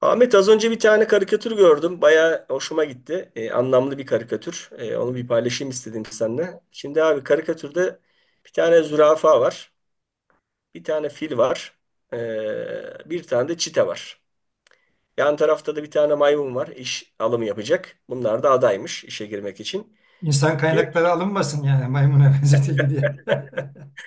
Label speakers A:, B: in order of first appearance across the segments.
A: Ahmet, az önce bir tane karikatür gördüm. Bayağı hoşuma gitti. Anlamlı bir karikatür. Onu bir paylaşayım istedim seninle. Şimdi abi karikatürde bir tane zürafa var. Bir tane fil var. Bir tane de çite var. Yan tarafta da bir tane maymun var. İş alımı yapacak. Bunlar da adaymış işe girmek için.
B: İnsan
A: Diyor ki
B: kaynakları alınmasın yani maymuna benzetildi diye.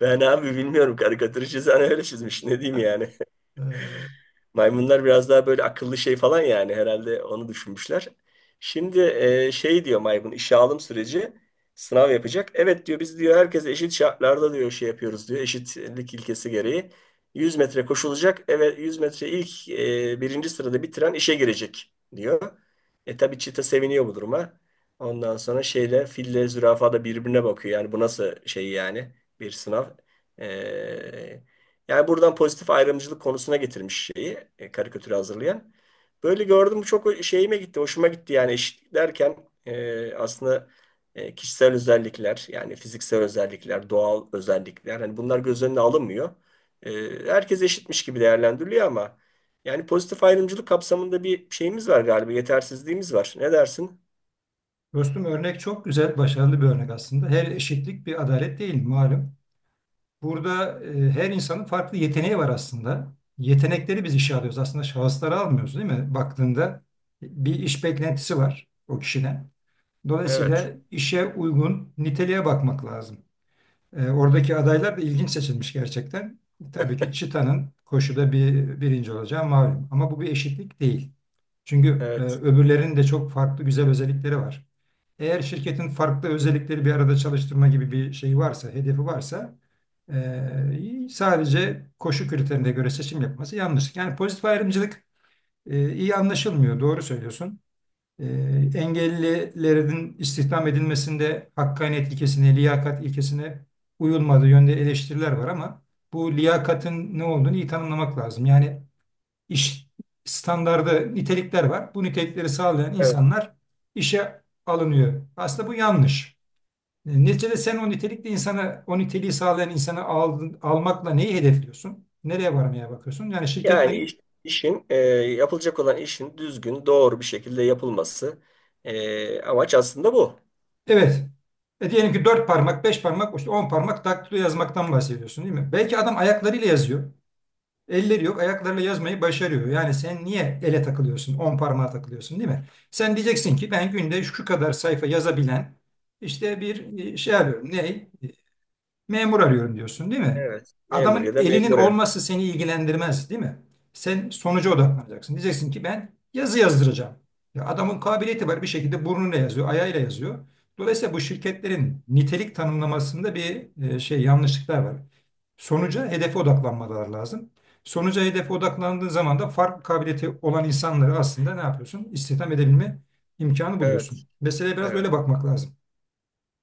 A: ben abi bilmiyorum, karikatürü çizen öyle çizmiş. Ne diyeyim yani.
B: Ee,
A: Maymunlar biraz daha böyle akıllı şey falan yani herhalde onu düşünmüşler. Şimdi şey diyor maymun, işe alım süreci sınav yapacak. Evet diyor, biz diyor herkese eşit şartlarda diyor şey yapıyoruz diyor, eşitlik ilkesi gereği. 100 metre koşulacak. Evet, 100 metre ilk birinci sırada bitiren işe girecek diyor. Tabii çita seviniyor bu duruma. Ondan sonra şeyle fille zürafa da birbirine bakıyor. Yani bu nasıl şey yani, bir sınav. E, Yani buradan pozitif ayrımcılık konusuna getirmiş şeyi karikatürü hazırlayan. Böyle gördüm, bu çok şeyime gitti, hoşuma gitti yani. Eşitlik derken aslında kişisel özellikler yani fiziksel özellikler, doğal özellikler, hani bunlar göz önüne alınmıyor. E, Herkes eşitmiş gibi değerlendiriliyor ama yani pozitif ayrımcılık kapsamında bir şeyimiz var galiba, yetersizliğimiz var. Ne dersin?
B: Dostum örnek çok güzel, başarılı bir örnek aslında. Her eşitlik bir adalet değil malum. Burada her insanın farklı yeteneği var aslında. Yetenekleri biz işe alıyoruz. Aslında şahısları almıyoruz değil mi? Baktığında bir iş beklentisi var o kişiden. Dolayısıyla
A: Evet,
B: işe uygun niteliğe bakmak lazım. Oradaki adaylar da ilginç seçilmiş gerçekten. Tabii ki Çita'nın koşuda bir birinci olacağı malum. Ama bu bir eşitlik değil. Çünkü
A: evet,
B: öbürlerinin de çok farklı güzel özellikleri var. Eğer şirketin farklı özellikleri bir arada çalıştırma gibi bir şey varsa, hedefi varsa sadece koşu kriterine göre seçim yapması yanlış. Yani pozitif ayrımcılık iyi anlaşılmıyor. Doğru söylüyorsun. E, Engellilerin istihdam edilmesinde hakkaniyet ilkesine, liyakat ilkesine uyulmadığı yönde eleştiriler var ama bu liyakatın ne olduğunu iyi tanımlamak lazım. Yani iş standardı nitelikler var. Bu nitelikleri sağlayan
A: evet.
B: insanlar işe alınıyor. Aslında bu yanlış. Neticede sen o nitelikli insana, o niteliği sağlayan insanı almakla neyi hedefliyorsun? Nereye varmaya bakıyorsun? Yani
A: Yani
B: şirketlerin.
A: işin yapılacak olan işin düzgün, doğru bir şekilde yapılması amaç aslında bu.
B: Evet. E diyelim ki dört parmak, beş parmak, işte on parmak daktilo yazmaktan bahsediyorsun değil mi? Belki adam ayaklarıyla yazıyor. Elleri yok, ayaklarıyla yazmayı başarıyor. Yani sen niye ele takılıyorsun, on parmağa takılıyorsun değil mi? Sen diyeceksin ki ben günde şu kadar sayfa yazabilen işte bir şey arıyorum. Ne? Memur arıyorum diyorsun değil mi?
A: Evet. Memur
B: Adamın
A: ya da
B: elinin
A: memure.
B: olması seni ilgilendirmez değil mi? Sen sonuca odaklanacaksın. Diyeceksin ki ben yazı yazdıracağım. Ya adamın kabiliyeti var bir şekilde burnuyla yazıyor, ayağıyla yazıyor. Dolayısıyla bu şirketlerin nitelik tanımlamasında bir şey yanlışlıklar var. Sonuca hedefe odaklanmaları lazım. Sonuca hedefe odaklandığın zaman da farklı kabiliyeti olan insanları aslında ne yapıyorsun? İstihdam edebilme imkanı
A: Evet.
B: buluyorsun. Meseleye biraz
A: Evet.
B: öyle bakmak lazım.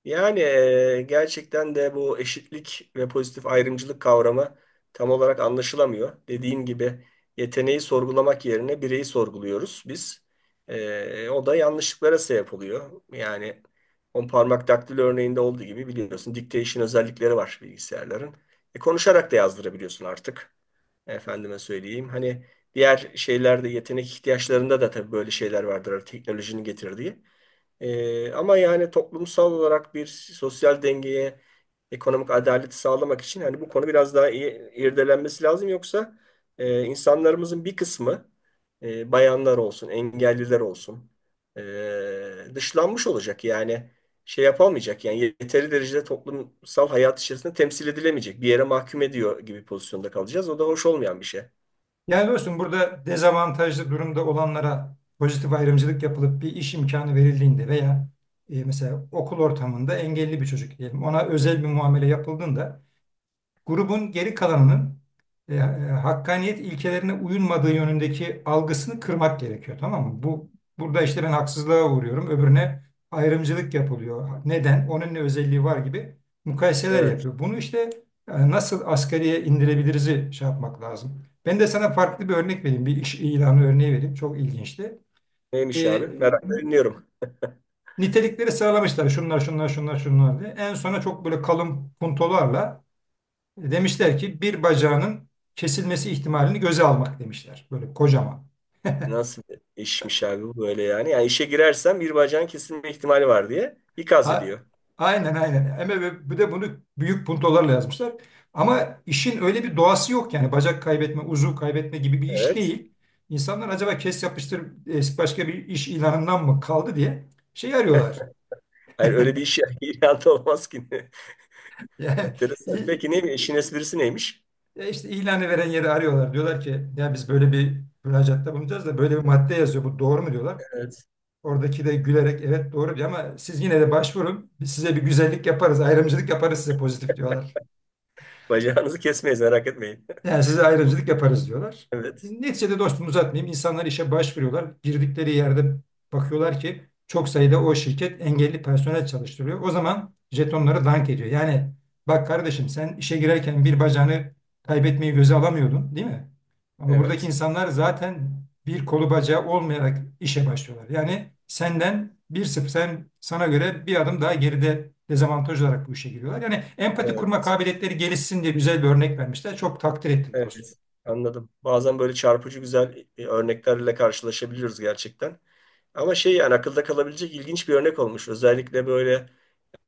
A: Yani gerçekten de bu eşitlik ve pozitif ayrımcılık kavramı tam olarak anlaşılamıyor. Dediğim gibi, yeteneği sorgulamak yerine bireyi sorguluyoruz biz. O da yanlışlıklara sebep oluyor. Yani on parmak daktilo örneğinde olduğu gibi, biliyorsun dictation özellikleri var bilgisayarların. Konuşarak da yazdırabiliyorsun artık. Efendime söyleyeyim. Hani diğer şeylerde, yetenek ihtiyaçlarında da tabii böyle şeyler vardır, hani teknolojinin getirdiği. Ama yani toplumsal olarak bir sosyal dengeye, ekonomik adaleti sağlamak için hani bu konu biraz daha iyi irdelenmesi lazım. Yoksa insanlarımızın bir kısmı, bayanlar olsun, engelliler olsun, dışlanmış olacak. Yani şey yapamayacak yani, yeteri derecede toplumsal hayat içerisinde temsil edilemeyecek. Bir yere mahkum ediyor gibi pozisyonda kalacağız. O da hoş olmayan bir şey.
B: Yani dostum burada dezavantajlı durumda olanlara pozitif ayrımcılık yapılıp bir iş imkanı verildiğinde veya mesela okul ortamında engelli bir çocuk diyelim ona özel bir muamele yapıldığında grubun geri kalanının e, e, hakkaniyet ilkelerine uyulmadığı yönündeki algısını kırmak gerekiyor tamam mı? Bu burada işte ben haksızlığa uğruyorum, öbürüne ayrımcılık yapılıyor. Neden? Onun ne özelliği var gibi mukayeseler
A: Evet.
B: yapıyor. Bunu işte nasıl asgariye indirebiliriz şey yapmak lazım. Ben de sana farklı bir örnek vereyim. Bir iş ilanı örneği vereyim. Çok ilginçti.
A: Neymiş
B: E,
A: abi? Merakla dinliyorum.
B: Nitelikleri sıralamışlar. Şunlar, şunlar, şunlar, şunlar diye. En sona çok böyle kalın puntolarla demişler ki bir bacağının kesilmesi ihtimalini göze almak demişler. Böyle kocaman.
A: Nasıl bir işmiş abi bu böyle yani? Yani işe girersem bir bacağın kesilme ihtimali var diye ikaz
B: A-
A: ediyor.
B: aynen, aynen. Ama ve bu de bunu büyük puntolarla yazmışlar. Ama işin öyle bir doğası yok yani bacak kaybetme, uzuv kaybetme gibi bir iş
A: Evet.
B: değil. İnsanlar acaba kes yapıştır başka bir iş ilanından mı kaldı diye şey arıyorlar.
A: Hayır, öyle bir iş ilan da olmaz ki.
B: Yani
A: Enteresan. Peki
B: i-
A: ne, işin esprisi neymiş?
B: işte ilanı veren yeri arıyorlar. Diyorlar ki ya biz böyle bir müracaatta bulunacağız da böyle bir madde yazıyor. Bu doğru mu diyorlar.
A: Evet.
B: Oradaki de gülerek evet doğru diyor ama siz yine de başvurun. Biz size bir güzellik yaparız, ayrımcılık yaparız size pozitif diyorlar.
A: Bacağınızı kesmeyiz, merak etmeyin.
B: Yani size ayrımcılık yaparız diyorlar.
A: Evet.
B: Neticede dostum uzatmayayım. İnsanlar işe başvuruyorlar. Girdikleri yerde bakıyorlar ki çok sayıda o şirket engelli personel çalıştırıyor. O zaman jetonları dank ediyor. Yani bak kardeşim sen işe girerken bir bacağını kaybetmeyi göze alamıyordun, değil mi? Ama buradaki
A: Evet.
B: insanlar zaten bir kolu bacağı olmayarak işe başlıyorlar. Yani senden bir sıfır, sen sana göre bir adım daha geride dezavantaj olarak bu işe giriyorlar. Yani empati kurma
A: Evet.
B: kabiliyetleri gelişsin diye güzel bir örnek vermişler. Çok takdir ettim dostum.
A: Evet. Anladım. Bazen böyle çarpıcı güzel örneklerle karşılaşabiliyoruz gerçekten. Ama şey yani, akılda kalabilecek ilginç bir örnek olmuş. Özellikle böyle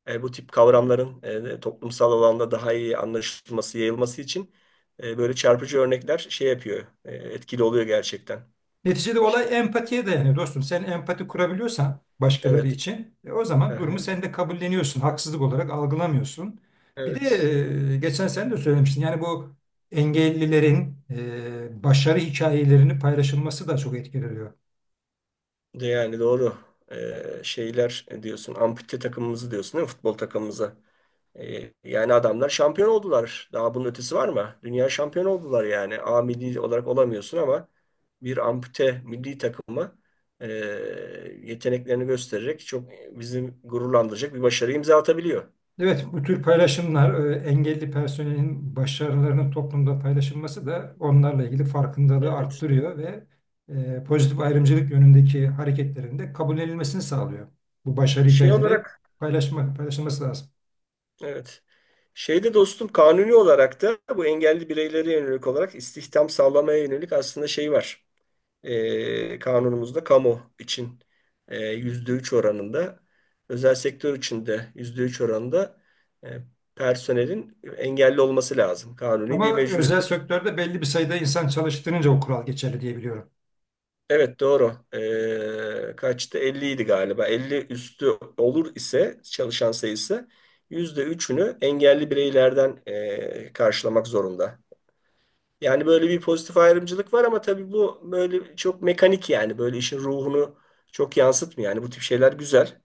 A: E, Bu tip kavramların toplumsal alanda daha iyi anlaşılması, yayılması için böyle çarpıcı örnekler şey yapıyor, etkili oluyor gerçekten.
B: Neticede olay empatiye dayanıyor dostum. Sen empati kurabiliyorsan başkaları
A: Evet,
B: için o zaman durumu
A: aha,
B: sen de kabulleniyorsun. Haksızlık olarak algılamıyorsun. Bir de
A: evet.
B: geçen sen de söylemiştin. Yani bu engellilerin başarı hikayelerini paylaşılması da çok etkileniyor.
A: De yani doğru. Şeyler diyorsun, ampute takımımızı diyorsun değil mi? Futbol takımımızı. Yani adamlar şampiyon oldular. Daha bunun ötesi var mı? Dünya şampiyon oldular yani. A milli olarak olamıyorsun ama bir ampute milli takımı e, yeteneklerini göstererek çok bizim gururlandıracak bir başarı imza atabiliyor.
B: Evet, bu tür paylaşımlar engelli personelin başarılarının toplumda paylaşılması da onlarla ilgili farkındalığı
A: Evet.
B: arttırıyor ve pozitif ayrımcılık yönündeki hareketlerin de kabul edilmesini sağlıyor. Bu başarı
A: Şey
B: hikayeleri
A: olarak
B: paylaşılması lazım.
A: evet. Şeyde dostum, kanuni olarak da bu engelli bireylere yönelik olarak istihdam sağlamaya yönelik aslında şey var. Kanunumuzda kamu için %3 oranında, özel sektör için de %3 oranında e, personelin engelli olması lazım. Kanuni bir
B: Ama özel
A: mecburiyet.
B: sektörde belli bir sayıda insan çalıştırınca o kural geçerli diye biliyorum.
A: Evet, doğru. Kaçtı? 50 idi galiba. 50 üstü olur ise çalışan sayısı %3'ünü engelli bireylerden karşılamak zorunda. Yani böyle bir pozitif ayrımcılık var ama tabii bu böyle çok mekanik, yani böyle işin ruhunu çok yansıtmıyor. Yani bu tip şeyler güzel.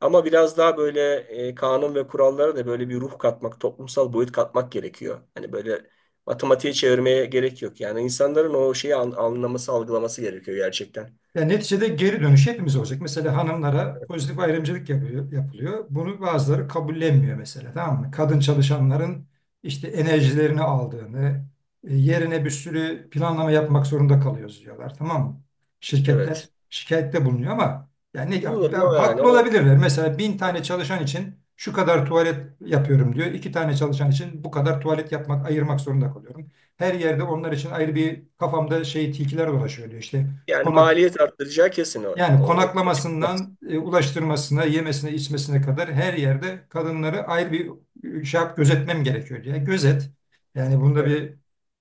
A: Ama biraz daha böyle kanun ve kurallara da böyle bir ruh katmak, toplumsal boyut katmak gerekiyor. Hani böyle matematiğe çevirmeye gerek yok. Yani insanların o şeyi anlaması, algılaması gerekiyor gerçekten.
B: Yani neticede geri dönüş hepimiz olacak. Mesela hanımlara pozitif ayrımcılık yapıyor, yapılıyor. Bunu bazıları kabullenmiyor mesela tamam mı? Kadın çalışanların işte enerjilerini aldığını, yerine bir sürü planlama yapmak zorunda kalıyoruz diyorlar tamam mı? Şirketler
A: Evet.
B: şikayette bulunuyor ama yani
A: Bulunur ne o yani,
B: haklı
A: o
B: olabilirler. Mesela bin tane çalışan için şu kadar tuvalet yapıyorum diyor. İki tane çalışan için bu kadar tuvalet yapmak, ayırmak zorunda kalıyorum. Her yerde onlar için ayrı bir kafamda şey tilkiler dolaşıyor diyor işte.
A: yani
B: Konak
A: maliyet arttıracağı kesin o.
B: Yani
A: O-
B: konaklamasından ulaştırmasına, yemesine, içmesine kadar her yerde kadınları ayrı bir şey yap, gözetmem gerekiyor diye. Gözet. Yani bunda
A: Evet.
B: bir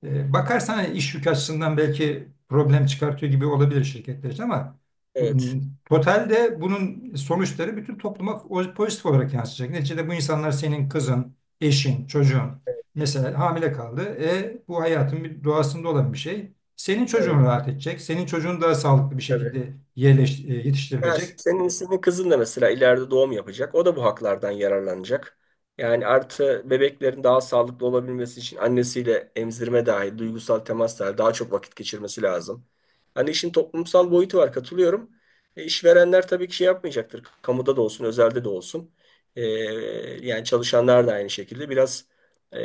B: bakarsan iş yükü açısından belki problem çıkartıyor gibi olabilir şirketler için ama
A: Evet.
B: to- totalde bunun sonuçları bütün topluma pozitif olarak yansıyacak. Neticede bu insanlar senin kızın, eşin, çocuğun.
A: Evet.
B: Mesela hamile kaldı. E, bu hayatın bir doğasında olan bir şey. Senin çocuğun
A: Evet.
B: rahat edecek. Senin çocuğun daha sağlıklı bir
A: Tabii.
B: şekilde
A: Ya
B: yetiştirilecek.
A: senin kızın da mesela ileride doğum yapacak. O da bu haklardan yararlanacak. Yani artı, bebeklerin daha sağlıklı olabilmesi için annesiyle emzirme dahil, duygusal temas dahil daha çok vakit geçirmesi lazım. Hani işin toplumsal boyutu var, katılıyorum. İşverenler tabii ki şey yapmayacaktır. Kamuda da olsun, özelde de olsun. E, Yani çalışanlar da aynı şekilde biraz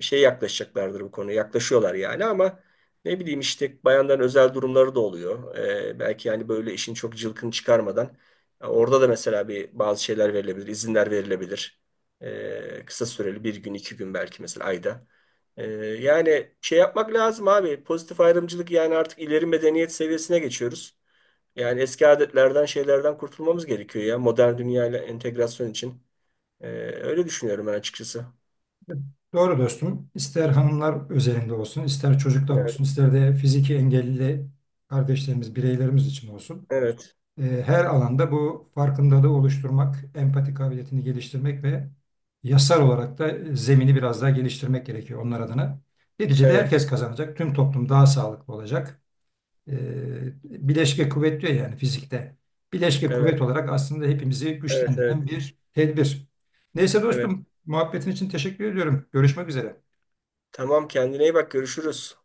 A: şey yaklaşacaklardır bu konuya. Yaklaşıyorlar yani ama ne bileyim, işte bayanların özel durumları da oluyor. Belki yani böyle işin çok cılkını çıkarmadan orada da mesela bir bazı şeyler verilebilir, izinler verilebilir. Kısa süreli bir gün, 2 gün belki mesela ayda. Yani şey yapmak lazım abi. Pozitif ayrımcılık yani, artık ileri medeniyet seviyesine geçiyoruz. Yani eski adetlerden, şeylerden kurtulmamız gerekiyor ya, modern dünyayla entegrasyon için. Ee, Öyle düşünüyorum ben açıkçası.
B: Doğru dostum. İster hanımlar özelinde olsun, ister çocuklar
A: Evet,
B: olsun, ister de fiziki engelli kardeşlerimiz, bireylerimiz için olsun.
A: evet,
B: Her alanda bu farkındalığı oluşturmak, empati kabiliyetini geliştirmek ve yasal olarak da zemini biraz daha geliştirmek gerekiyor onlar adına. Neticede
A: evet,
B: herkes kazanacak. Tüm toplum daha sağlıklı olacak. e, Bileşke kuvvet diyor yani fizikte. Bileşke
A: evet,
B: kuvvet olarak aslında hepimizi
A: evet, evet,
B: güçlendiren
A: evet.
B: bir tedbir. Neyse dostum, muhabbetin için teşekkür ediyorum. Görüşmek üzere.
A: Tamam, kendine iyi bak, görüşürüz.